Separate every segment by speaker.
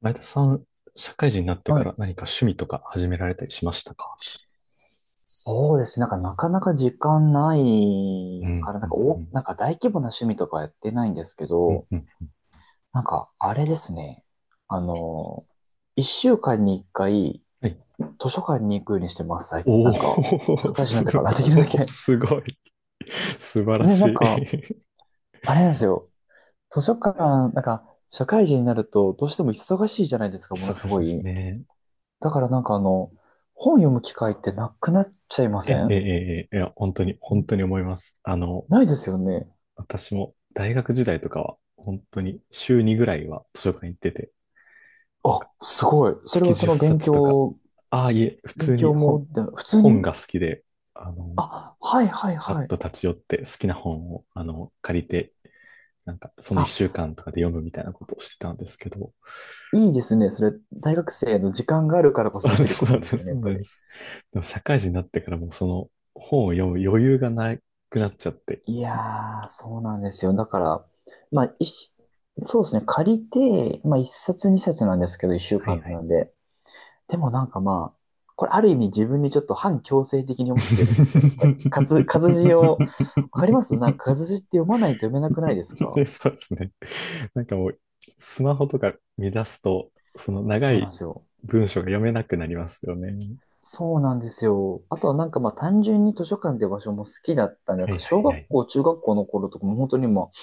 Speaker 1: 前田さん、社会人になって
Speaker 2: は
Speaker 1: から
Speaker 2: い。
Speaker 1: 何か趣味とか始められたりしましたか？
Speaker 2: そうですね。なんか、なかなか時間な
Speaker 1: うん、
Speaker 2: いから、な
Speaker 1: う
Speaker 2: んか、
Speaker 1: ん、うん、
Speaker 2: なんか大規模な趣味とかやってないんですけ
Speaker 1: うん、
Speaker 2: ど、
Speaker 1: うん。
Speaker 2: なんか、あれですね。あの、一週間に一回、
Speaker 1: はい。
Speaker 2: 図書館に行くようにしてます。な
Speaker 1: お
Speaker 2: んか、社
Speaker 1: ー、
Speaker 2: 会人
Speaker 1: す
Speaker 2: になってから、できるだけ。
Speaker 1: ごい。素晴ら
Speaker 2: ね、な
Speaker 1: し
Speaker 2: ん
Speaker 1: い。
Speaker 2: か、あれなんですよ。図書館、なんか、社会人になると、どうしても忙しいじゃないです か、ものす
Speaker 1: 忙しい
Speaker 2: ご
Speaker 1: です
Speaker 2: い。
Speaker 1: ね。
Speaker 2: だからなんかあの、本読む機会ってなくなっちゃいま
Speaker 1: え、
Speaker 2: せ
Speaker 1: え、え、え、
Speaker 2: ん
Speaker 1: ええ、いや、本当に、本当に
Speaker 2: ん、
Speaker 1: 思います。あの、
Speaker 2: ないですよね。
Speaker 1: 私も大学時代とかは、本当に週2ぐらいは図書館行ってて、なんか
Speaker 2: あ、すごい。それ
Speaker 1: 月
Speaker 2: はそ
Speaker 1: 10
Speaker 2: の勉
Speaker 1: 冊とか、
Speaker 2: 強、
Speaker 1: ああ、いえ、普
Speaker 2: 勉
Speaker 1: 通
Speaker 2: 強
Speaker 1: に
Speaker 2: も、
Speaker 1: 本、
Speaker 2: で普通
Speaker 1: 本
Speaker 2: に、
Speaker 1: が好きで、あの、
Speaker 2: あ、はいはい
Speaker 1: ふらっ
Speaker 2: はい。
Speaker 1: と立ち寄って好きな本を、あの、借りてなんかその一
Speaker 2: あ、
Speaker 1: 週間とかで読むみたいなことをしてたんですけど、
Speaker 2: いいですね。それ、大学生の時間があるからこ
Speaker 1: そ
Speaker 2: そ
Speaker 1: う
Speaker 2: で
Speaker 1: で
Speaker 2: きる
Speaker 1: す、
Speaker 2: こ
Speaker 1: そう
Speaker 2: と
Speaker 1: で
Speaker 2: で
Speaker 1: す、
Speaker 2: すよね、や
Speaker 1: そ
Speaker 2: っ
Speaker 1: う
Speaker 2: ぱり。
Speaker 1: です。でも社会人になってからもうその本を読む余裕がなくなっちゃって。
Speaker 2: いやー、そうなんですよ。だから、まあ、そうですね。借りて、まあ、一冊二冊なんですけど、一週
Speaker 1: はい
Speaker 2: 間
Speaker 1: はい。
Speaker 2: なんで。でもなんかまあ、これある意味自分にちょっと反強制的に読ませてるんですよ、やっぱり。活字を、わか ります、なんか活字って読まないと読めなくないですか？
Speaker 1: で、そうですね。なんかもう、スマホとか見出すと、その長
Speaker 2: そうなん
Speaker 1: い
Speaker 2: ですよ。
Speaker 1: 文章が読めなくなりますよね。
Speaker 2: そうなんですよ。あとはなんかまあ単純に図書館って場所も好きだったんで、なん
Speaker 1: は
Speaker 2: か
Speaker 1: いは
Speaker 2: 小
Speaker 1: いは
Speaker 2: 学校、
Speaker 1: い。
Speaker 2: 中学校の頃とかも本当にもう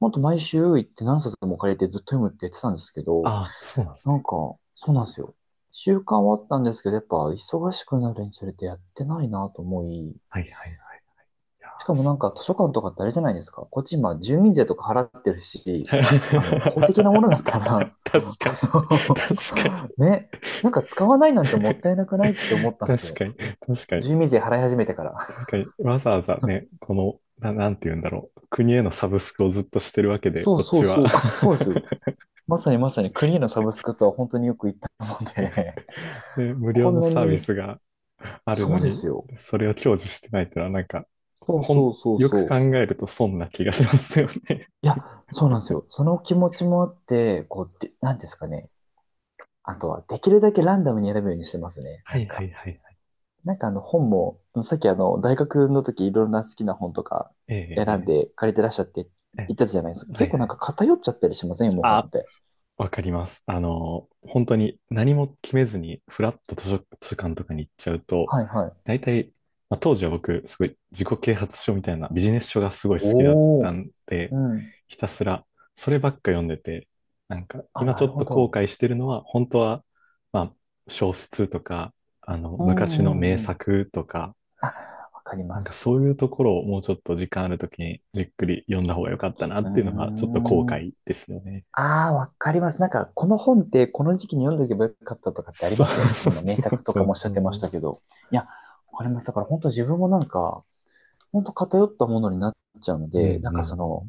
Speaker 2: ほんと毎週行って何冊も借りてずっと読むって言ってたんですけ
Speaker 1: あ
Speaker 2: ど、
Speaker 1: あ、そうなんです
Speaker 2: な
Speaker 1: ね。
Speaker 2: んか、そうなんですよ。習慣はあったんですけど、やっぱ忙しくなるにつれてやってないなと思い、
Speaker 1: はいはいはい。いや
Speaker 2: しか
Speaker 1: ー、
Speaker 2: もなん
Speaker 1: そう
Speaker 2: か図
Speaker 1: で
Speaker 2: 書館とかってあれじゃないですか。こっち今住民税とか払ってる
Speaker 1: すね。
Speaker 2: し、あの、公的なものだった ら、
Speaker 1: 確 かに。
Speaker 2: あ
Speaker 1: 確かに。
Speaker 2: のね、なんか使わないなんてもったいなくないって思ったんです
Speaker 1: 確
Speaker 2: よ。
Speaker 1: かに。確かに。
Speaker 2: 住民税払い始めてから。
Speaker 1: 確かに。わざわざね、この、な、なんて言うんだろう。国へのサブスクをずっとしてるわけで、
Speaker 2: そう
Speaker 1: こっ
Speaker 2: そ
Speaker 1: ち
Speaker 2: う
Speaker 1: は。
Speaker 2: そう。あ、そうですよ。まさにまさにクリーのサブスクとは本当によく言ったので、
Speaker 1: ね、無料
Speaker 2: こん
Speaker 1: の
Speaker 2: な
Speaker 1: サービ
Speaker 2: に、
Speaker 1: スがある
Speaker 2: そ
Speaker 1: の
Speaker 2: うで
Speaker 1: に、
Speaker 2: すよ。
Speaker 1: それを享受してないってのは、なんか、ほ
Speaker 2: そう
Speaker 1: ほん、
Speaker 2: そうそう
Speaker 1: よく考
Speaker 2: そう。
Speaker 1: えると損な気がしますよね。
Speaker 2: いや、そうなんですよ。その気持ちもあって、こう、で、なんですかね。あとは、できるだけランダムに選ぶようにしてますね。
Speaker 1: は
Speaker 2: な
Speaker 1: い
Speaker 2: ん
Speaker 1: は
Speaker 2: か、
Speaker 1: いはいはい。
Speaker 2: なんかあの本も、さっきあの、大学の時いろんな好きな本とか選ん
Speaker 1: ええ
Speaker 2: で借りてらっしゃって
Speaker 1: ええ
Speaker 2: 言った
Speaker 1: え
Speaker 2: じゃないです
Speaker 1: え、
Speaker 2: か。
Speaker 1: は
Speaker 2: 結
Speaker 1: い
Speaker 2: 構
Speaker 1: は
Speaker 2: なんか
Speaker 1: い。
Speaker 2: 偏っちゃったりしませんよ、もう本
Speaker 1: あ、
Speaker 2: って。
Speaker 1: わかります。あの、本当に何も決めずに、フラッと図書、図書館とかに行っちゃうと、
Speaker 2: はいはい。
Speaker 1: 大体、まあ、当時は僕、すごい自己啓発書みたいなビジネス書がすごい好きだっ
Speaker 2: お
Speaker 1: た
Speaker 2: お、
Speaker 1: んで、
Speaker 2: うん。
Speaker 1: ひたすらそればっか読んでて、なんか
Speaker 2: あ、
Speaker 1: 今
Speaker 2: な
Speaker 1: ちょ
Speaker 2: る
Speaker 1: っ
Speaker 2: ほ
Speaker 1: と後
Speaker 2: ど。
Speaker 1: 悔してるのは、本当は、まあ、小説とか、あの、
Speaker 2: う
Speaker 1: 昔の
Speaker 2: んう
Speaker 1: 名
Speaker 2: んうん。
Speaker 1: 作とか、
Speaker 2: あ、わかり
Speaker 1: な
Speaker 2: ま
Speaker 1: んか
Speaker 2: す。
Speaker 1: そういうところをもうちょっと時間あるときにじっくり読んだ方が良かったなっ
Speaker 2: うー
Speaker 1: ていうのが、ちょっと後
Speaker 2: ん。
Speaker 1: 悔ですよね。
Speaker 2: ああ、わかります。なんか、この本ってこの時期に読んでおけばよかったとかってあり
Speaker 1: そ
Speaker 2: ま
Speaker 1: う
Speaker 2: すよね。そ
Speaker 1: そ
Speaker 2: の
Speaker 1: う
Speaker 2: 今、名
Speaker 1: そう
Speaker 2: 作と
Speaker 1: そ
Speaker 2: かも
Speaker 1: う
Speaker 2: おっしゃ
Speaker 1: そ
Speaker 2: ってまし
Speaker 1: う。
Speaker 2: たけど。いや、わかります。だから本当自分もなんか、本当偏ったものになっちゃうの
Speaker 1: うんうん
Speaker 2: で、なん
Speaker 1: う
Speaker 2: かそ
Speaker 1: ん。
Speaker 2: の、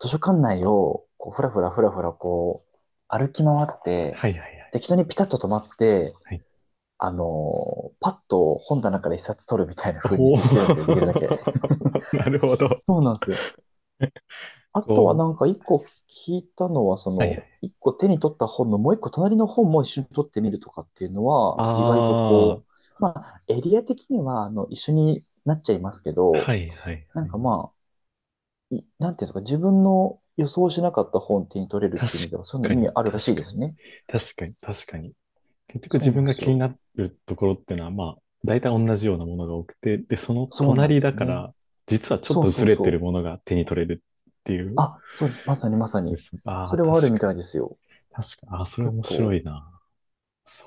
Speaker 2: 図書館内を、こう、ふらふらふらふら、こう、歩き回って、
Speaker 1: はいはいは
Speaker 2: 適当にピタッと止まって、
Speaker 1: い。はい。
Speaker 2: あのーパッと本棚から一冊取るみたいな風に
Speaker 1: お
Speaker 2: してるんですよ。できるだけ。
Speaker 1: ー、 なるほど。
Speaker 2: そうなんですよ。あとは
Speaker 1: こ
Speaker 2: な
Speaker 1: う。
Speaker 2: んか一個聞いたのは、そ
Speaker 1: はいは
Speaker 2: の、
Speaker 1: い。
Speaker 2: 一個手に取った本のもう一個隣の本も一緒に取ってみるとかっていうの
Speaker 1: あ
Speaker 2: は、意外と
Speaker 1: あ、は
Speaker 2: こう、まあ、エリア的には、あの、一緒になっちゃいますけ
Speaker 1: いは
Speaker 2: ど、
Speaker 1: いはい。
Speaker 2: なんかまあ、い、なんていうんですか、自分の予想しなかった本手に取れるっ
Speaker 1: 確
Speaker 2: ていう意味では、そういうの
Speaker 1: か
Speaker 2: 意味
Speaker 1: に、
Speaker 2: あるらし
Speaker 1: 確
Speaker 2: いで
Speaker 1: か
Speaker 2: す
Speaker 1: に。
Speaker 2: ね。
Speaker 1: 確かに、確かに。結局
Speaker 2: そ
Speaker 1: 自
Speaker 2: うな
Speaker 1: 分
Speaker 2: んで
Speaker 1: が
Speaker 2: す
Speaker 1: 気に
Speaker 2: よ。
Speaker 1: なるところってのは、まあ、大体同じようなものが多くて、で、その
Speaker 2: そうなんで
Speaker 1: 隣
Speaker 2: す
Speaker 1: だ
Speaker 2: よ
Speaker 1: か
Speaker 2: ね。
Speaker 1: ら、実はちょっ
Speaker 2: そう
Speaker 1: と
Speaker 2: そ
Speaker 1: ず
Speaker 2: う
Speaker 1: れてる
Speaker 2: そう。
Speaker 1: ものが手に取れるっていうこ
Speaker 2: あ、そうです。まさにまさ
Speaker 1: とで
Speaker 2: に。
Speaker 1: す。あ
Speaker 2: そ
Speaker 1: あ、
Speaker 2: れ
Speaker 1: 確
Speaker 2: はあるみ
Speaker 1: かに。
Speaker 2: たいですよ。
Speaker 1: 確かに。ああ、それ
Speaker 2: 結
Speaker 1: 面白
Speaker 2: 構。
Speaker 1: いな。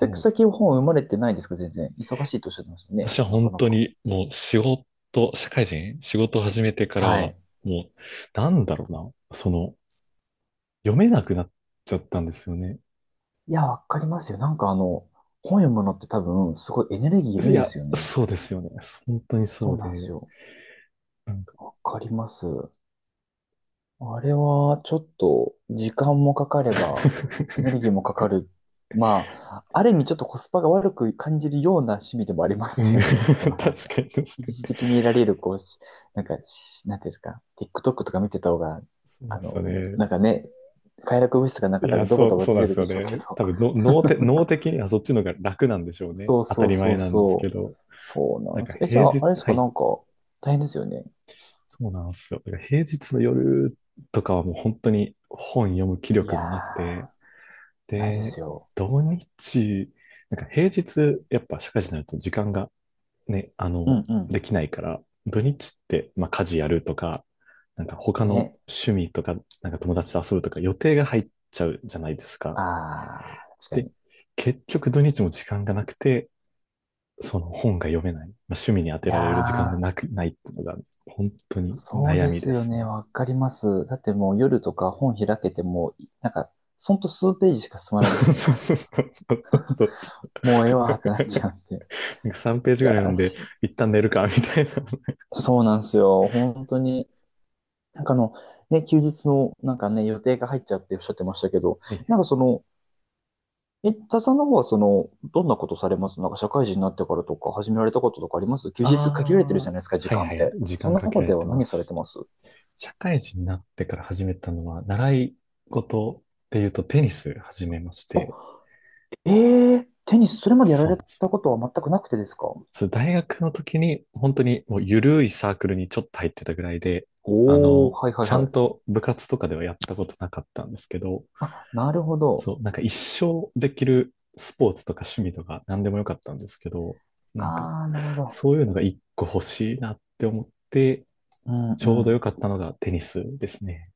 Speaker 2: で、
Speaker 1: う、
Speaker 2: 最近本生まれてないですか、全然。忙しいとおっしゃってましたね。
Speaker 1: 私は
Speaker 2: な
Speaker 1: 本
Speaker 2: かな
Speaker 1: 当
Speaker 2: か、
Speaker 1: にもう仕事、社会人、仕事を始めてから
Speaker 2: は
Speaker 1: は、
Speaker 2: い。
Speaker 1: もう、なんだろうな、その、読めなくなっちゃったんですよね。
Speaker 2: いや、わかりますよ。なんかあの、本読むのって多分、すごいエネルギーい
Speaker 1: い
Speaker 2: るんで
Speaker 1: や、
Speaker 2: すよね。
Speaker 1: そうですよね。本当に
Speaker 2: そ
Speaker 1: そう
Speaker 2: うなんです
Speaker 1: で、
Speaker 2: よ。
Speaker 1: なんか
Speaker 2: わかります。あれは、ちょっと、時間もかかれば、エネルギーもかかる。まあ、ある意味ちょっとコスパが悪く感じるような趣味でもありま
Speaker 1: うん、
Speaker 2: すよね。そ
Speaker 1: 確
Speaker 2: のなんか、
Speaker 1: かに確か
Speaker 2: 一
Speaker 1: に。
Speaker 2: 時的に得られる、こうし、なんか、なんていうんですか、TikTok とか見てた方が、
Speaker 1: そうなん
Speaker 2: あ
Speaker 1: ですよ
Speaker 2: の、
Speaker 1: ね。
Speaker 2: なんかね、快楽物質がなん
Speaker 1: い
Speaker 2: か多
Speaker 1: や、
Speaker 2: 分ドボ
Speaker 1: そ
Speaker 2: ド
Speaker 1: う、
Speaker 2: ボ
Speaker 1: そう
Speaker 2: 出
Speaker 1: なん
Speaker 2: て
Speaker 1: で
Speaker 2: る
Speaker 1: す
Speaker 2: んで
Speaker 1: よ
Speaker 2: しょうけ
Speaker 1: ね。
Speaker 2: ど。
Speaker 1: 多分の、脳て、脳的にはそっちの方が楽なんでしょうね。
Speaker 2: そう
Speaker 1: 当た
Speaker 2: そう
Speaker 1: り
Speaker 2: そ
Speaker 1: 前
Speaker 2: う
Speaker 1: なんですけ
Speaker 2: そう。
Speaker 1: ど。
Speaker 2: そうな
Speaker 1: なん
Speaker 2: んで
Speaker 1: か
Speaker 2: す。え、じゃ
Speaker 1: 平
Speaker 2: あ、あ
Speaker 1: 日、
Speaker 2: れです
Speaker 1: は
Speaker 2: か、な
Speaker 1: い。
Speaker 2: んか、大変ですよね。
Speaker 1: そうなんですよ。だから平日の夜とかはもう本当に本読む気
Speaker 2: い
Speaker 1: 力もなくて、
Speaker 2: やー、ないで
Speaker 1: で、
Speaker 2: すよ。
Speaker 1: 土日、なんか平日、やっぱ社会人になると時間がね、あ
Speaker 2: う
Speaker 1: の、
Speaker 2: んう
Speaker 1: できないから、土日って、まあ家事やるとか、なんか
Speaker 2: ん。
Speaker 1: 他の
Speaker 2: ね。
Speaker 1: 趣味とか、なんか友達と遊ぶとか予定が入っちゃうじゃないですか。
Speaker 2: あー、確か
Speaker 1: で、
Speaker 2: に。
Speaker 1: 結局土日も時間がなくて、その本が読めない、まあ、趣味に当
Speaker 2: い
Speaker 1: て
Speaker 2: や
Speaker 1: られる時間が
Speaker 2: ー、
Speaker 1: なく、ないっていうのが本当に
Speaker 2: そう
Speaker 1: 悩
Speaker 2: で
Speaker 1: み
Speaker 2: す
Speaker 1: で
Speaker 2: よ
Speaker 1: す
Speaker 2: ね。
Speaker 1: ね。
Speaker 2: わかります。だってもう夜とか本開けても、なんか、ほんと数ページしか進まないですもん。
Speaker 1: そうそうそうそうそう、
Speaker 2: もうええわーってなっちゃうんで。
Speaker 1: なんか3ペー
Speaker 2: い
Speaker 1: ジぐ
Speaker 2: や
Speaker 1: らい読
Speaker 2: ー
Speaker 1: んで、
Speaker 2: し、
Speaker 1: 一旦寝るか、みたいな。
Speaker 2: そうなんですよ。本当に。なんかあの、ね、休日のなんかね、予定が入っちゃうっておっしゃってましたけど、
Speaker 1: はい、
Speaker 2: なんかその、え、田さんの方はその、どんなことされます？なんか社会人になってからとか始められたこととかあります？休日限られてる
Speaker 1: あ
Speaker 2: じ
Speaker 1: あ、
Speaker 2: ゃないですか、時
Speaker 1: はい
Speaker 2: 間っ
Speaker 1: はい。
Speaker 2: て。
Speaker 1: 時
Speaker 2: そ
Speaker 1: 間
Speaker 2: の
Speaker 1: かけ
Speaker 2: 中
Speaker 1: られ
Speaker 2: で
Speaker 1: て
Speaker 2: は
Speaker 1: ま
Speaker 2: 何されて
Speaker 1: す。
Speaker 2: ます？
Speaker 1: 社会人になってから始めたのは、習い事っていうとテニス始めまし
Speaker 2: あ、
Speaker 1: て、
Speaker 2: えー、テニス、それまでやら
Speaker 1: そう
Speaker 2: れ
Speaker 1: なんです。
Speaker 2: たことは全くなくてですか？
Speaker 1: そう、大学の時に、本当にもう緩いサークルにちょっと入ってたぐらいで、あ
Speaker 2: おー、
Speaker 1: の、
Speaker 2: はいはい
Speaker 1: ちゃ
Speaker 2: は
Speaker 1: ん
Speaker 2: い。
Speaker 1: と部活とかではやったことなかったんですけど、
Speaker 2: あ、なるほど。
Speaker 1: そう、なんか一生できるスポーツとか趣味とか何でもよかったんですけど、なんか
Speaker 2: あー、なるほど。
Speaker 1: そういうのが一個欲しいなって思って、
Speaker 2: うん
Speaker 1: ち
Speaker 2: う
Speaker 1: ょうどよか
Speaker 2: ん。
Speaker 1: ったのがテニスですね。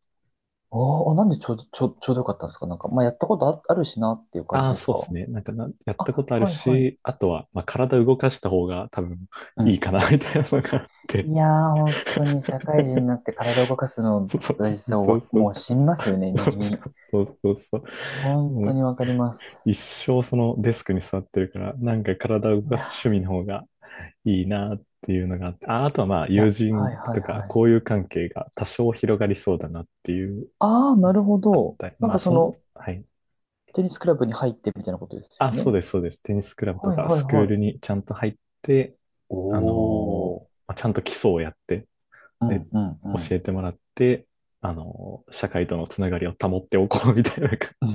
Speaker 2: おー、なんでちょうど、ちょうどよかったんですか？なんか、まあ、やったことあるしなっていう感じ
Speaker 1: ああ、
Speaker 2: です
Speaker 1: そう
Speaker 2: か？
Speaker 1: ですね。なんかな、やったこ
Speaker 2: あ、
Speaker 1: とある
Speaker 2: はいはい。
Speaker 1: し、あとは、まあ、体動かした方が多分
Speaker 2: う
Speaker 1: いい
Speaker 2: ん、
Speaker 1: かな、みたいなのがあって。
Speaker 2: いやー、本当に社会人になっ て体を動かすの
Speaker 1: そうそう
Speaker 2: 大事さを
Speaker 1: そう
Speaker 2: わ
Speaker 1: そう。
Speaker 2: もう染みますよね、身
Speaker 1: そう
Speaker 2: に。
Speaker 1: そうそうそう。
Speaker 2: 本
Speaker 1: も
Speaker 2: 当
Speaker 1: う
Speaker 2: にわかります。
Speaker 1: 一生そのデスクに座ってるから、なんか体を動
Speaker 2: い
Speaker 1: かす
Speaker 2: や
Speaker 1: 趣味の方がいいなっていうのがあって、あ、あとはまあ
Speaker 2: ー、い
Speaker 1: 友
Speaker 2: や、はい
Speaker 1: 人
Speaker 2: はい
Speaker 1: とか
Speaker 2: はい。
Speaker 1: 交友関係が多少広がりそうだなっていう
Speaker 2: あー、
Speaker 1: の
Speaker 2: な
Speaker 1: が
Speaker 2: るほ
Speaker 1: あっ
Speaker 2: ど。
Speaker 1: たり、
Speaker 2: なん
Speaker 1: まあ
Speaker 2: かそ
Speaker 1: そん、
Speaker 2: の、
Speaker 1: はい。
Speaker 2: テニスクラブに入ってみたいなことですよ
Speaker 1: あ、そ
Speaker 2: ね。
Speaker 1: うです、そうです。テニスクラブと
Speaker 2: はい
Speaker 1: か
Speaker 2: は
Speaker 1: ス
Speaker 2: い
Speaker 1: クー
Speaker 2: は
Speaker 1: ル
Speaker 2: い。
Speaker 1: にちゃんと入って、
Speaker 2: お
Speaker 1: あのー、
Speaker 2: ー。
Speaker 1: まあちゃんと基礎をやって、
Speaker 2: う
Speaker 1: で、
Speaker 2: んうんうん。
Speaker 1: 教えてもらって、あのー、社会とのつながりを保っておこうみたいな感じ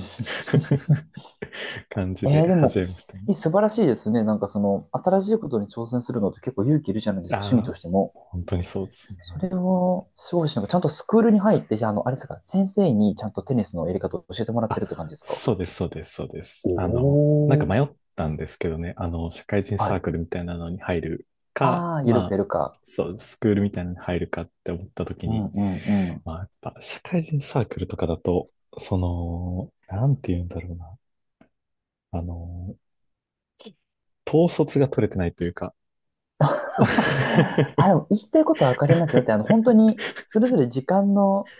Speaker 1: 感じ
Speaker 2: え
Speaker 1: で
Speaker 2: ー、でも、
Speaker 1: 始めましたね。
Speaker 2: いい素晴らしいですね。なんかその、新しいことに挑戦するのって結構勇気いるじゃないですか、趣味
Speaker 1: あ
Speaker 2: と
Speaker 1: あ、
Speaker 2: しても。
Speaker 1: 本当にそうですね。
Speaker 2: それは、すごいし、なんかちゃんとスクールに入って、じゃあ、あの、あれですか、先生にちゃんとテニスのやり方を教えてもらって
Speaker 1: あ、
Speaker 2: るって感じですか？
Speaker 1: そうです、そうです、そうです。あの、なんか
Speaker 2: お
Speaker 1: 迷っ
Speaker 2: ー。
Speaker 1: たんですけどね、あの、社会人
Speaker 2: は
Speaker 1: サー
Speaker 2: い。
Speaker 1: クルみたいなのに入るか、
Speaker 2: ああ、ゆる
Speaker 1: ま
Speaker 2: く
Speaker 1: あ、
Speaker 2: やるか。
Speaker 1: そう、スクールみたいなのに入るかって思った時
Speaker 2: うん
Speaker 1: に、
Speaker 2: うんうん。
Speaker 1: まあ、やっぱ社会人サークルとかだと、その、なんて言うんだろうな、あの、統率が取れてないというか、
Speaker 2: あ、でも言いたいことはわかりますよ。だって、あの、本当に、それぞれ時間の、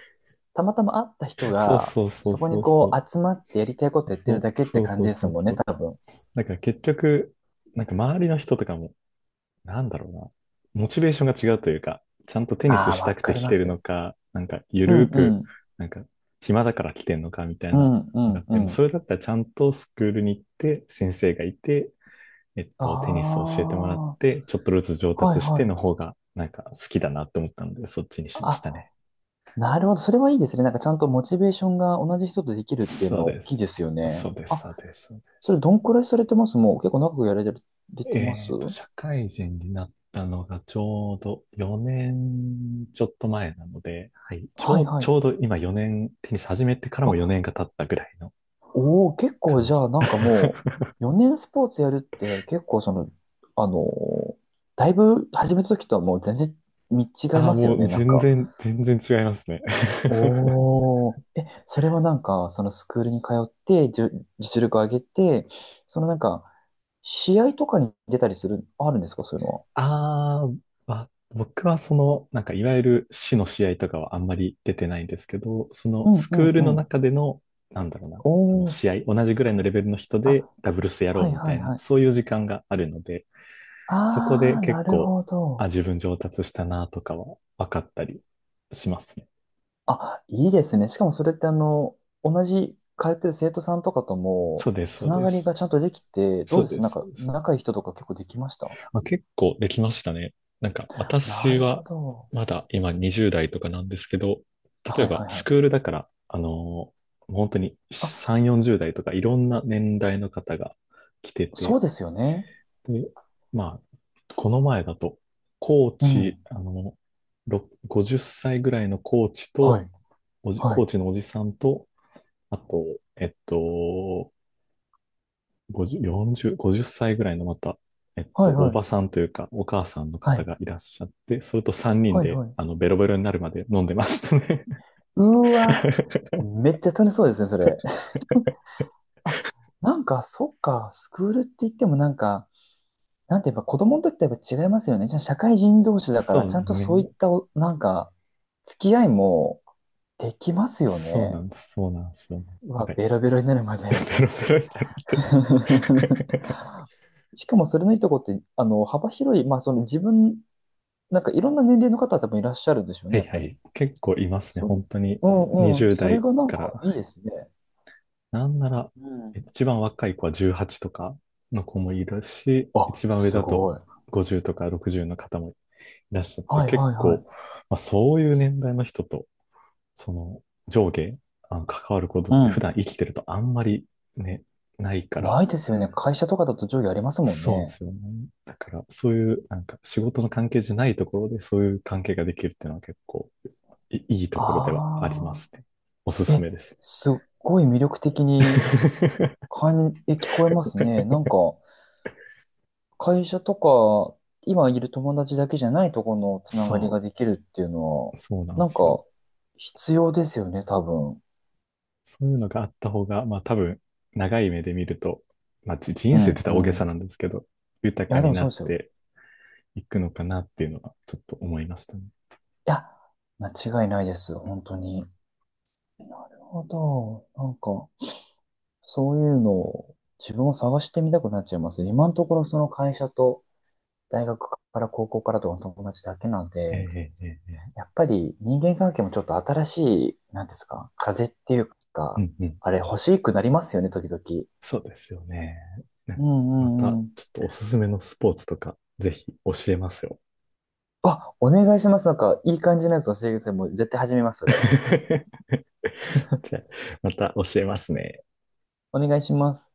Speaker 2: たまたま会った人
Speaker 1: そう
Speaker 2: が、
Speaker 1: そうそう
Speaker 2: そこ
Speaker 1: そ
Speaker 2: に
Speaker 1: うそ
Speaker 2: こ
Speaker 1: う。
Speaker 2: う、集まってやりたいことやって
Speaker 1: そ
Speaker 2: るだ
Speaker 1: う
Speaker 2: けって
Speaker 1: そう
Speaker 2: 感
Speaker 1: そう
Speaker 2: じです
Speaker 1: そう
Speaker 2: もんね、
Speaker 1: そう。
Speaker 2: 多分。
Speaker 1: だから結局、なんか周りの人とかもなんだろうな。モチベーションが違うというか、ちゃんとテニス
Speaker 2: ああ、
Speaker 1: した
Speaker 2: わ
Speaker 1: くて
Speaker 2: かり
Speaker 1: 来
Speaker 2: ま
Speaker 1: てる
Speaker 2: す
Speaker 1: の
Speaker 2: よ。
Speaker 1: か、なんかゆ
Speaker 2: う
Speaker 1: る
Speaker 2: ん
Speaker 1: ー
Speaker 2: う
Speaker 1: く、
Speaker 2: ん。
Speaker 1: なんか暇だから来てんのかみたい
Speaker 2: う
Speaker 1: な
Speaker 2: んう
Speaker 1: のがあっ
Speaker 2: んう
Speaker 1: て、もうそ
Speaker 2: ん。
Speaker 1: れだったらちゃんとスクールに行って、先生がいて、えっ
Speaker 2: あ
Speaker 1: と、テニスを教えてもらっ
Speaker 2: あ、は
Speaker 1: て、ちょっとずつ上
Speaker 2: い
Speaker 1: 達して
Speaker 2: はい。
Speaker 1: の方が、なんか好きだなと思ったので、そっちにしましたね。
Speaker 2: あ、なるほど。それはいいですね。なんかちゃんとモチベーションが同じ人とできるっていうの
Speaker 1: そう
Speaker 2: は大
Speaker 1: で
Speaker 2: きい
Speaker 1: す。
Speaker 2: ですよね。
Speaker 1: そうです、
Speaker 2: あ、
Speaker 1: そうです、そうで
Speaker 2: それ
Speaker 1: す。
Speaker 2: どんくらいされてます？もう結構長くやられてま
Speaker 1: え
Speaker 2: す？
Speaker 1: っと、社会人になったのがちょうど4年ちょっと前なので、はい、ち
Speaker 2: は
Speaker 1: ょ
Speaker 2: い
Speaker 1: う、
Speaker 2: は
Speaker 1: ち
Speaker 2: い。
Speaker 1: ょうど今4年、テニス始めてからも4年
Speaker 2: あ、
Speaker 1: が経ったぐらいの
Speaker 2: おお、結構
Speaker 1: 感
Speaker 2: じ
Speaker 1: じ。
Speaker 2: ゃあなんかもう4年スポーツやるって結構その、あのーだいぶ始めた時とはもう全然見違い
Speaker 1: ああ、
Speaker 2: ますよ
Speaker 1: もう
Speaker 2: ね。なん
Speaker 1: 全
Speaker 2: か。
Speaker 1: 然、全然違いますね。
Speaker 2: おお、え、それはなんかそのスクールに通って実力を上げて、そのなんか試合とかに出たりする、あるんですかそういうの は。
Speaker 1: あー、ま僕はその、なんかいわゆる市の試合とかはあんまり出てないんですけど、その
Speaker 2: う
Speaker 1: ス
Speaker 2: んう
Speaker 1: クー
Speaker 2: ん
Speaker 1: ル
Speaker 2: う
Speaker 1: の
Speaker 2: ん。
Speaker 1: 中での、なんだろうな、
Speaker 2: お
Speaker 1: あの
Speaker 2: お。
Speaker 1: 試合、同じぐらいのレベルの人で
Speaker 2: あ、
Speaker 1: ダブルスやろ
Speaker 2: は
Speaker 1: う
Speaker 2: い
Speaker 1: みた
Speaker 2: はい
Speaker 1: いな、
Speaker 2: はい。
Speaker 1: そういう時間があるので、そこ
Speaker 2: あ
Speaker 1: で
Speaker 2: あ、
Speaker 1: 結
Speaker 2: なる
Speaker 1: 構、
Speaker 2: ほ
Speaker 1: あ、
Speaker 2: ど。
Speaker 1: 自分上達したなとかは分かったりしますね。
Speaker 2: あ、いいですね。しかもそれってあの、同じ通ってる生徒さんとかとも、
Speaker 1: そうです、そ
Speaker 2: つ
Speaker 1: う
Speaker 2: な
Speaker 1: で
Speaker 2: がり
Speaker 1: す。
Speaker 2: がちゃんとできて、ど
Speaker 1: そ
Speaker 2: う
Speaker 1: う
Speaker 2: で
Speaker 1: で
Speaker 2: す、なん
Speaker 1: す、そ
Speaker 2: か、
Speaker 1: うです。
Speaker 2: 仲いい人とか結構できました？
Speaker 1: まあ、結構できましたね。なんか
Speaker 2: な
Speaker 1: 私
Speaker 2: るほ
Speaker 1: は
Speaker 2: ど。
Speaker 1: まだ今20代とかなんですけど、例え
Speaker 2: はい
Speaker 1: ば
Speaker 2: はいは
Speaker 1: ス
Speaker 2: い。
Speaker 1: クールだから、あのー、もう本当に
Speaker 2: あ、
Speaker 1: 3、40代とかいろんな年代の方が来て
Speaker 2: そう
Speaker 1: て、
Speaker 2: ですよね。
Speaker 1: で、まあ、この前だと、コー
Speaker 2: うん。
Speaker 1: チ、あの、ろ50歳ぐらいのコーチ
Speaker 2: は
Speaker 1: と、
Speaker 2: い。
Speaker 1: おじ、
Speaker 2: は
Speaker 1: コー
Speaker 2: い。
Speaker 1: チのおじさんと、あと、えっと、50、40、50歳ぐらいのまた、えっと、
Speaker 2: はい
Speaker 1: お
Speaker 2: は
Speaker 1: ば
Speaker 2: い。
Speaker 1: さんというか、お母さんの
Speaker 2: は
Speaker 1: 方
Speaker 2: い。
Speaker 1: がいらっしゃって、それと3人
Speaker 2: はい
Speaker 1: で、
Speaker 2: はい。
Speaker 1: あの、ベロベロになるまで飲んでましたね。
Speaker 2: うーわ。めっちゃ楽しそうですね、それ。あ、なんか、そっか、スクールって言ってもなんか、なんてやっぱ子供の時とやっぱ違いますよね。じゃあ社会人同士だから、
Speaker 1: そう
Speaker 2: ちゃ
Speaker 1: で
Speaker 2: ん
Speaker 1: す
Speaker 2: とそういっ
Speaker 1: ね。
Speaker 2: たお、なんか、付き合いもできますよ
Speaker 1: そうな
Speaker 2: ね。
Speaker 1: んです。そうなんですよね。
Speaker 2: う
Speaker 1: なん
Speaker 2: わ、
Speaker 1: か、
Speaker 2: ベロベロになるまで。
Speaker 1: ベロベロになるまで。
Speaker 2: しかもそれのいいとこって、あの、幅広い、まあその自分、なんかいろんな年齢の方多分いらっしゃるでしょう
Speaker 1: は
Speaker 2: ね、や
Speaker 1: い
Speaker 2: っ
Speaker 1: は
Speaker 2: ぱり。
Speaker 1: い。結構いますね。
Speaker 2: そう、
Speaker 1: 本当に。
Speaker 2: うんうん、
Speaker 1: 20
Speaker 2: それ
Speaker 1: 代
Speaker 2: がなん
Speaker 1: か
Speaker 2: かい
Speaker 1: ら。
Speaker 2: いですね。
Speaker 1: なんなら、
Speaker 2: うん。
Speaker 1: 一番若い子は18とかの子もいるし、
Speaker 2: あ、
Speaker 1: 一番上
Speaker 2: す
Speaker 1: だと
Speaker 2: ごい。
Speaker 1: 50とか60の方もいらっしゃって、
Speaker 2: はい
Speaker 1: 結
Speaker 2: はいは
Speaker 1: 構、
Speaker 2: い。
Speaker 1: まあ、そういう年代の人と、その上下、あの関わることっ
Speaker 2: う
Speaker 1: て普
Speaker 2: ん。
Speaker 1: 段生きてるとあんまりね、ないか
Speaker 2: な
Speaker 1: ら、
Speaker 2: いですよね。会社とかだと上下ありますもん
Speaker 1: そうで
Speaker 2: ね。
Speaker 1: すよね。だから、そういう、なんか仕事の関係じゃないところでそういう関係ができるっていうのは結構いいいところではありま
Speaker 2: あ
Speaker 1: すね。おす
Speaker 2: あ。
Speaker 1: すめ
Speaker 2: え、
Speaker 1: ですね。
Speaker 2: すっごい魅力的に 感、え、聞こえますね。なんか、会社とか、今いる友達だけじゃないところのつながり
Speaker 1: そ
Speaker 2: ができるっていうのは、
Speaker 1: う、そうなんで
Speaker 2: なん
Speaker 1: すよ。
Speaker 2: か、必要ですよね、多分。
Speaker 1: そういうのがあった方が、まあ多分、長い目で見ると、まあじ
Speaker 2: う
Speaker 1: 人生って言っ
Speaker 2: ん、
Speaker 1: た
Speaker 2: う
Speaker 1: ら大げ
Speaker 2: ん。
Speaker 1: さ
Speaker 2: い
Speaker 1: なんですけど、豊か
Speaker 2: や、で
Speaker 1: に
Speaker 2: も
Speaker 1: な
Speaker 2: そう
Speaker 1: っ
Speaker 2: ですよ。
Speaker 1: ていくのかなっていうのは、ちょっと思いましたね。
Speaker 2: いや、間違いないです、本当に。なるほど。なんか、そういうのを自分も探してみたくなっちゃいます。今のところその会社と大学から高校からとかの友達だけなん
Speaker 1: え
Speaker 2: で、
Speaker 1: えええええ、
Speaker 2: やっぱり人間関係もちょっと新しい、なんですか、風っていう
Speaker 1: う
Speaker 2: か、
Speaker 1: んうん。
Speaker 2: あれ欲しくなりますよね、時々。
Speaker 1: そうですよね。ね、
Speaker 2: う
Speaker 1: ま
Speaker 2: んうん
Speaker 1: た、
Speaker 2: うん。
Speaker 1: ちょっとおすすめのスポーツとか、ぜひ教えますよ。
Speaker 2: あ、お願いします。なんか、いい感じのやつ教えてください。もう絶対始めます、それ。
Speaker 1: じゃあ、また教えますね。
Speaker 2: お願いします。